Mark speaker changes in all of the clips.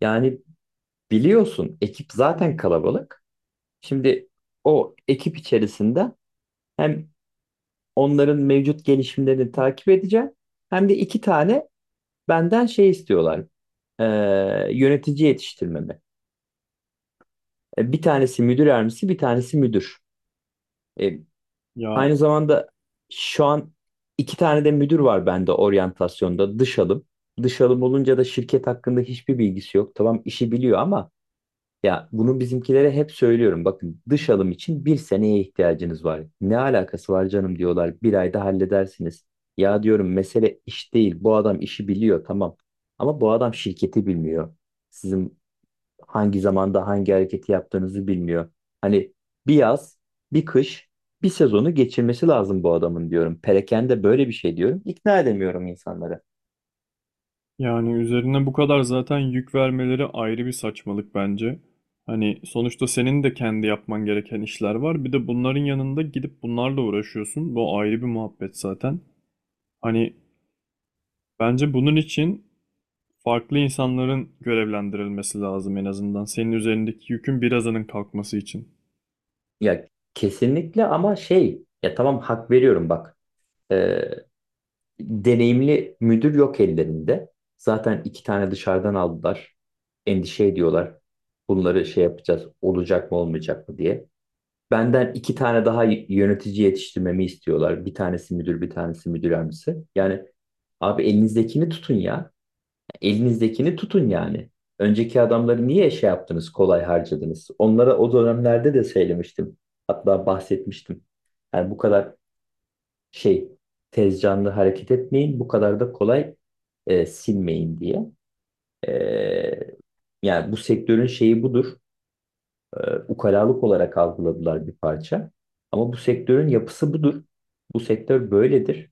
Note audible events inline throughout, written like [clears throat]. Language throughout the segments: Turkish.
Speaker 1: Yani biliyorsun ekip zaten kalabalık. Şimdi o ekip içerisinde hem onların mevcut gelişimlerini takip edeceğim hem de iki tane benden şey istiyorlar. Ee, Yönetici yetiştirmemi. Bir tanesi müdür yardımcısı, bir tanesi müdür. E,
Speaker 2: Ya
Speaker 1: Aynı zamanda şu an iki tane de müdür var bende, oryantasyonda, dış alım. Dış alım olunca da şirket hakkında hiçbir bilgisi yok. Tamam, işi biliyor ama. Ya bunu bizimkilere hep söylüyorum. Bakın, dış alım için bir seneye ihtiyacınız var. Ne alakası var canım diyorlar. Bir ayda halledersiniz. Ya diyorum, mesele iş değil. Bu adam işi biliyor, tamam. Ama bu adam şirketi bilmiyor. Sizin hangi zamanda hangi hareketi yaptığınızı bilmiyor. Hani bir yaz, bir kış, bir sezonu geçirmesi lazım bu adamın diyorum. Perakende böyle bir şey diyorum. İkna edemiyorum insanları.
Speaker 2: yani üzerine bu kadar zaten yük vermeleri ayrı bir saçmalık bence. Hani sonuçta senin de kendi yapman gereken işler var. Bir de bunların yanında gidip bunlarla uğraşıyorsun. Bu ayrı bir muhabbet zaten. Hani bence bunun için farklı insanların görevlendirilmesi lazım en azından. Senin üzerindeki yükün birazının kalkması için.
Speaker 1: Ya kesinlikle, ama şey ya tamam, hak veriyorum, bak. Ee, Deneyimli müdür yok ellerinde. Zaten iki tane dışarıdan aldılar. Endişe ediyorlar. Bunları şey yapacağız, olacak mı olmayacak mı diye. Benden iki tane daha yönetici yetiştirmemi istiyorlar. Bir tanesi müdür, bir tanesi müdür yardımcısı. Yani abi, elinizdekini tutun ya. Elinizdekini tutun yani. Önceki adamları niye şey yaptınız, kolay harcadınız? Onlara o dönemlerde de söylemiştim. Hatta bahsetmiştim. Yani bu kadar şey, tez canlı hareket etmeyin, bu kadar da kolay silmeyin diye. E, Yani bu sektörün şeyi budur. E, Ukalalık olarak algıladılar bir parça. Ama bu sektörün yapısı budur. Bu sektör böyledir.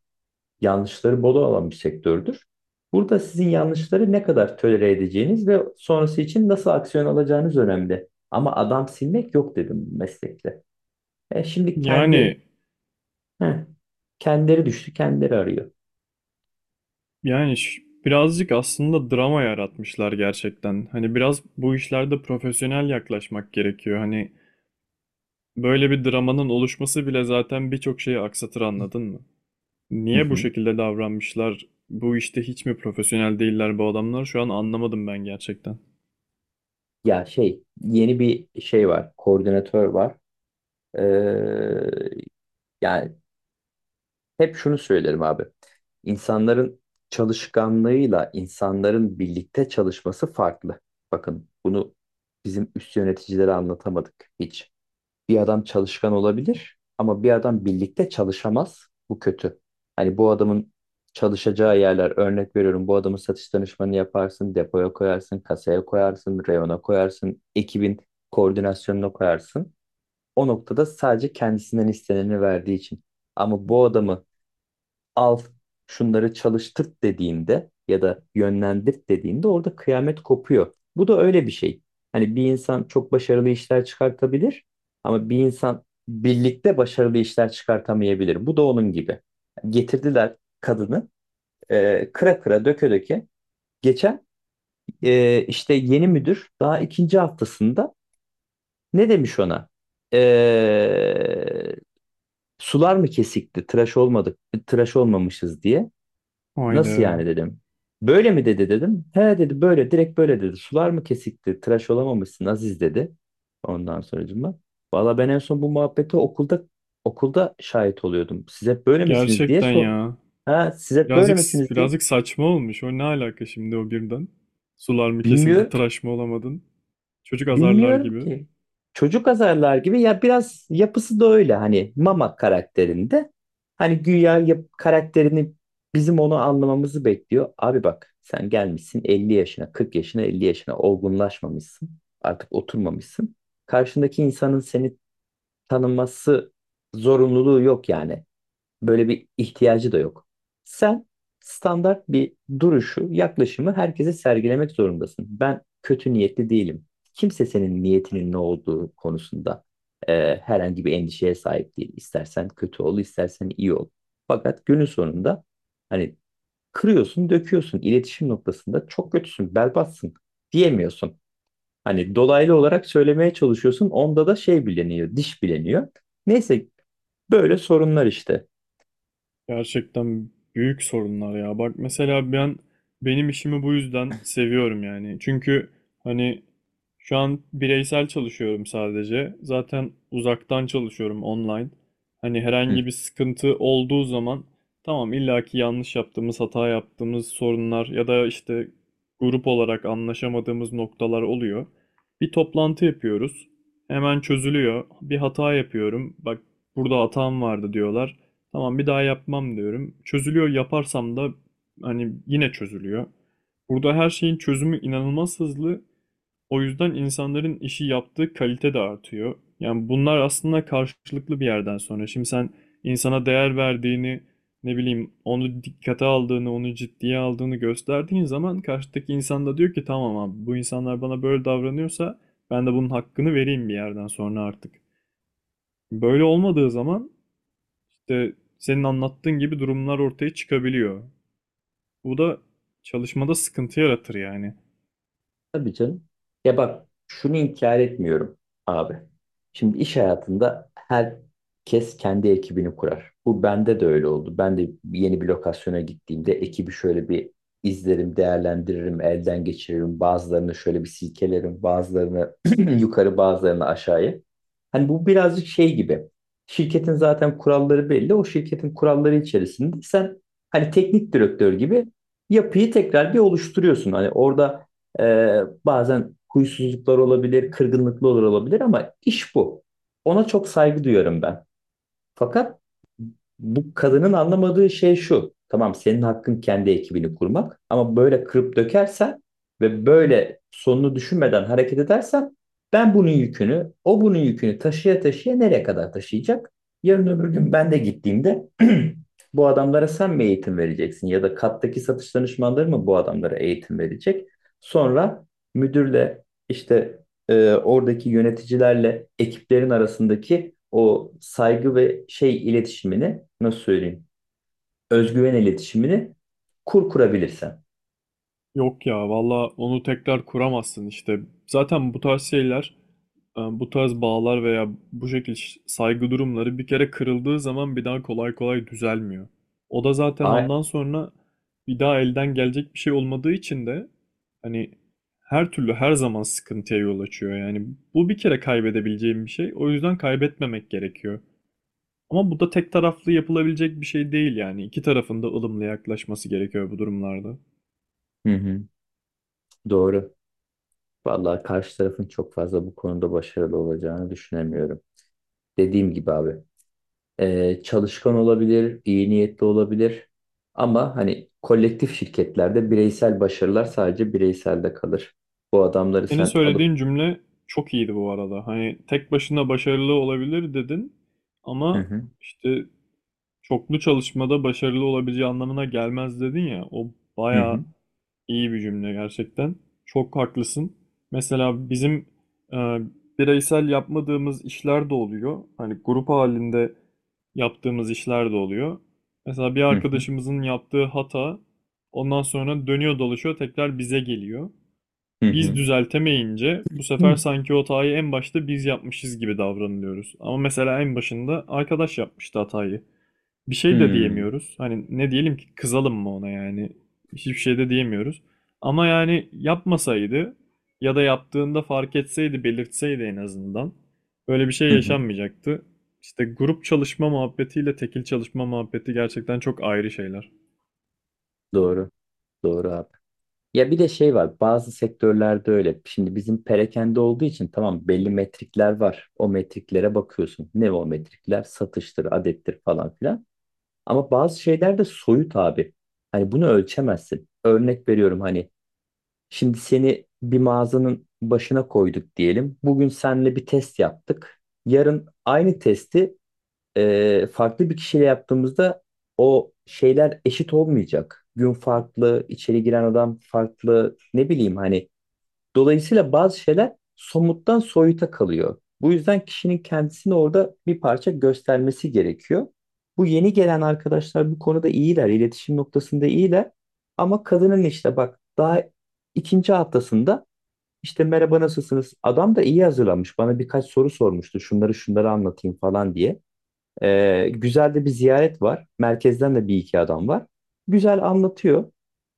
Speaker 1: Yanlışları bol olan bir sektördür. Burada sizin yanlışları ne kadar tolere edeceğiniz ve sonrası için nasıl aksiyon alacağınız önemli. Ama adam silmek yok dedim meslekte. Şimdi
Speaker 2: Yani
Speaker 1: heh, kendileri düştü, kendileri arıyor.
Speaker 2: yani birazcık aslında drama yaratmışlar gerçekten. Hani biraz bu işlerde profesyonel yaklaşmak gerekiyor. Hani böyle bir dramanın oluşması bile zaten birçok şeyi aksatır, anladın mı?
Speaker 1: Hı
Speaker 2: Niye bu
Speaker 1: hı.
Speaker 2: şekilde davranmışlar? Bu işte hiç mi profesyonel değiller bu adamlar? Şu an anlamadım ben gerçekten.
Speaker 1: Ya şey, yeni bir şey var, koordinatör var. Ee, Yani hep şunu söylerim abi, insanların çalışkanlığıyla insanların birlikte çalışması farklı. Bakın, bunu bizim üst yöneticilere anlatamadık hiç. Bir adam çalışkan olabilir ama bir adam birlikte çalışamaz. Bu kötü. Hani bu adamın çalışacağı yerler, örnek veriyorum. Bu adamın satış danışmanı yaparsın, depoya koyarsın, kasaya koyarsın, reyona koyarsın, ekibin koordinasyonuna koyarsın. O noktada, sadece kendisinden isteneni verdiği için. Ama bu adamı al, şunları çalıştırt dediğinde ya da yönlendirt dediğinde orada kıyamet kopuyor. Bu da öyle bir şey. Hani bir insan çok başarılı işler çıkartabilir ama bir insan birlikte başarılı işler çıkartamayabilir. Bu da onun gibi. Getirdiler kadını kıra kıra, döke döke. Geçen işte yeni müdür, daha ikinci haftasında, ne demiş ona? E, Sular mı kesikti, tıraş olmadık, tıraş olmamışız diye. Nasıl
Speaker 2: Haydi.
Speaker 1: yani dedim. Böyle mi dedi dedim. He dedi, böyle direkt böyle dedi. Sular mı kesikti? Tıraş olamamışsın Aziz dedi. Ondan sonracığıma. Valla ben en son bu muhabbete okulda okulda şahit oluyordum. Siz hep böyle misiniz diye
Speaker 2: Gerçekten
Speaker 1: sor.
Speaker 2: ya.
Speaker 1: Ha, siz hep böyle
Speaker 2: Birazcık
Speaker 1: misiniz diye.
Speaker 2: birazcık saçma olmuş. O ne alaka şimdi o birden? Sular mı kesildi,
Speaker 1: Bilmiyorum.
Speaker 2: tıraş mı olamadın? Çocuk azarlar
Speaker 1: Bilmiyorum
Speaker 2: gibi.
Speaker 1: ki. Çocuk azarlar gibi ya, biraz yapısı da öyle hani, Mama karakterinde. Hani güya yap karakterini bizim onu anlamamızı bekliyor. Abi bak, sen gelmişsin 50 yaşına, 40 yaşına, 50 yaşına, olgunlaşmamışsın. Artık oturmamışsın. Karşındaki insanın seni tanıması zorunluluğu yok yani. Böyle bir ihtiyacı da yok. Sen standart bir duruşu, yaklaşımı herkese sergilemek zorundasın. Ben kötü niyetli değilim. Kimse senin niyetinin ne olduğu konusunda herhangi bir endişeye sahip değil. İstersen kötü ol, istersen iyi ol. Fakat günün sonunda hani, kırıyorsun, döküyorsun. İletişim noktasında çok kötüsün, berbatsın diyemiyorsun. Hani dolaylı olarak söylemeye çalışıyorsun. Onda da şey bileniyor, diş bileniyor. Neyse, böyle sorunlar işte.
Speaker 2: Gerçekten büyük sorunlar ya. Bak mesela ben benim işimi bu yüzden seviyorum yani. Çünkü hani şu an bireysel çalışıyorum sadece. Zaten uzaktan çalışıyorum online. Hani
Speaker 1: Hı.
Speaker 2: herhangi bir sıkıntı olduğu zaman tamam illaki yanlış yaptığımız, hata yaptığımız sorunlar ya da işte grup olarak anlaşamadığımız noktalar oluyor. Bir toplantı yapıyoruz. Hemen çözülüyor. Bir hata yapıyorum. Bak, burada hatam vardı diyorlar. Tamam bir daha yapmam diyorum. Çözülüyor, yaparsam da hani yine çözülüyor. Burada her şeyin çözümü inanılmaz hızlı. O yüzden insanların işi yaptığı kalite de artıyor. Yani bunlar aslında karşılıklı bir yerden sonra. Şimdi sen insana değer verdiğini, ne bileyim onu dikkate aldığını, onu ciddiye aldığını gösterdiğin zaman karşıdaki insan da diyor ki tamam abi, bu insanlar bana böyle davranıyorsa ben de bunun hakkını vereyim bir yerden sonra artık. Böyle olmadığı zaman işte senin anlattığın gibi durumlar ortaya çıkabiliyor. Bu da çalışmada sıkıntı yaratır yani.
Speaker 1: Tabii canım. Ya bak, şunu inkar etmiyorum abi. Şimdi iş hayatında herkes kendi ekibini kurar. Bu bende de öyle oldu. Ben de yeni bir lokasyona gittiğimde ekibi şöyle bir izlerim, değerlendiririm, elden geçiririm. Bazılarını şöyle bir silkelerim, bazılarını [clears throat] yukarı, bazılarını aşağıya. Hani bu birazcık şey gibi. Şirketin zaten kuralları belli. O şirketin kuralları içerisinde sen hani teknik direktör gibi yapıyı tekrar bir oluşturuyorsun. Hani orada ee, bazen huysuzluklar olabilir, kırgınlıklar olabilir ama iş bu. Ona çok saygı duyuyorum ben. Fakat bu kadının anlamadığı şey şu. Tamam, senin hakkın kendi ekibini kurmak, ama böyle kırıp dökersen ve böyle sonunu düşünmeden hareket edersen, ben bunun yükünü, o bunun yükünü taşıya taşıya nereye kadar taşıyacak? Yarın öbür gün ben de gittiğimde [clears throat] bu adamlara sen mi eğitim vereceksin ya da kattaki satış danışmanları mı bu adamlara eğitim verecek? Sonra müdürle işte oradaki yöneticilerle ekiplerin arasındaki o saygı ve şey, iletişimini nasıl söyleyeyim? Özgüven iletişimini kurabilirsen.
Speaker 2: Yok ya, valla onu tekrar kuramazsın işte. Zaten bu tarz şeyler, bu tarz bağlar veya bu şekilde saygı durumları bir kere kırıldığı zaman bir daha kolay kolay düzelmiyor. O da zaten
Speaker 1: Ay,
Speaker 2: ondan sonra bir daha elden gelecek bir şey olmadığı için de hani her türlü her zaman sıkıntıya yol açıyor. Yani bu bir kere kaybedebileceğim bir şey. O yüzden kaybetmemek gerekiyor. Ama bu da tek taraflı yapılabilecek bir şey değil yani. İki tarafın da ılımlı yaklaşması gerekiyor bu durumlarda.
Speaker 1: hı hı, doğru. Vallahi karşı tarafın çok fazla bu konuda başarılı olacağını düşünemiyorum. Dediğim gibi abi. Çalışkan olabilir, iyi niyetli olabilir. Ama hani kolektif şirketlerde bireysel başarılar sadece bireyselde kalır. Bu adamları
Speaker 2: Senin
Speaker 1: sen alıp.
Speaker 2: söylediğin cümle çok iyiydi bu arada. Hani tek başına başarılı olabilir dedin
Speaker 1: Hı
Speaker 2: ama
Speaker 1: hı,
Speaker 2: işte çoklu çalışmada başarılı olabileceği anlamına gelmez dedin ya. O
Speaker 1: hı
Speaker 2: bayağı
Speaker 1: hı,
Speaker 2: İyi bir cümle gerçekten. Çok haklısın. Mesela bizim e, bireysel yapmadığımız işler de oluyor. Hani grup halinde yaptığımız işler de oluyor. Mesela bir
Speaker 1: hı hı,
Speaker 2: arkadaşımızın yaptığı hata ondan sonra dönüyor dolaşıyor tekrar bize geliyor. Biz
Speaker 1: hı
Speaker 2: düzeltemeyince bu sefer
Speaker 1: hı.
Speaker 2: sanki o hatayı en başta biz yapmışız gibi davranılıyoruz. Ama mesela en başında arkadaş yapmıştı hatayı, bir şey de
Speaker 1: Hmm.
Speaker 2: diyemiyoruz. Hani ne diyelim ki, kızalım mı ona yani? Hiçbir şey de diyemiyoruz. Ama yani yapmasaydı ya da yaptığında fark etseydi, belirtseydi en azından, böyle bir şey
Speaker 1: Hı hı.
Speaker 2: yaşanmayacaktı. İşte grup çalışma muhabbetiyle tekil çalışma muhabbeti gerçekten çok ayrı şeyler.
Speaker 1: Doğru. Doğru abi. Ya bir de şey var. Bazı sektörlerde öyle. Şimdi bizim perakende olduğu için tamam, belli metrikler var. O metriklere bakıyorsun. Ne o metrikler? Satıştır, adettir, falan filan. Ama bazı şeyler de soyut abi. Hani bunu ölçemezsin. Örnek veriyorum hani, şimdi seni bir mağazanın başına koyduk diyelim. Bugün seninle bir test yaptık. Yarın aynı testi farklı bir kişiyle yaptığımızda o şeyler eşit olmayacak. Gün farklı, içeri giren adam farklı, ne bileyim hani. Dolayısıyla bazı şeyler somuttan soyuta kalıyor. Bu yüzden kişinin kendisini orada bir parça göstermesi gerekiyor. Bu yeni gelen arkadaşlar bu konuda iyiler, iletişim noktasında iyiler. Ama kadının işte bak, daha ikinci haftasında, işte merhaba nasılsınız? Adam da iyi hazırlanmış. Bana birkaç soru sormuştu. Şunları şunları anlatayım falan diye. Güzel de bir ziyaret var. Merkezden de bir iki adam var. Güzel anlatıyor.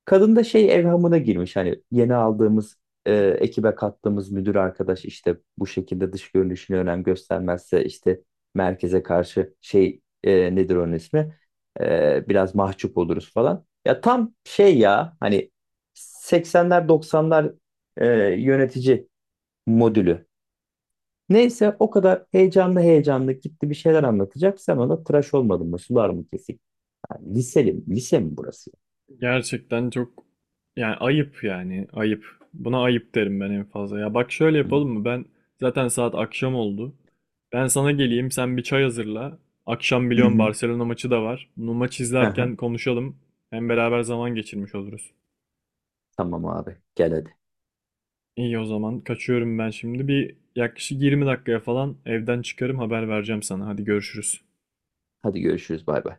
Speaker 1: Kadın da şey, evhamına girmiş. Hani yeni aldığımız, ekibe kattığımız müdür arkadaş işte bu şekilde dış görünüşüne önem göstermezse işte merkeze karşı şey, nedir onun ismi? Biraz mahcup oluruz falan. Ya tam şey ya hani, 80'ler, 90'lar e, yönetici modülü. Neyse o kadar heyecanlı heyecanlı gitti bir şeyler anlatacak. Sen ona tıraş olmadın mı? Sular mı kesik? Ha, liseli mi? Lise mi burası?
Speaker 2: Gerçekten çok yani ayıp, yani ayıp. Buna ayıp derim ben en fazla. Ya bak, şöyle
Speaker 1: Hı.
Speaker 2: yapalım mı? Ben zaten saat akşam oldu. Ben sana geleyim, sen bir çay hazırla. Akşam
Speaker 1: Hı
Speaker 2: biliyorum
Speaker 1: hı.
Speaker 2: Barcelona maçı da var. Bunu maç
Speaker 1: Aha.
Speaker 2: izlerken konuşalım. Hem beraber zaman geçirmiş oluruz.
Speaker 1: Tamam abi, gel hadi.
Speaker 2: İyi o zaman kaçıyorum ben şimdi. Bir yaklaşık 20 dakikaya falan evden çıkarım, haber vereceğim sana. Hadi görüşürüz.
Speaker 1: Hadi görüşürüz, bay bay.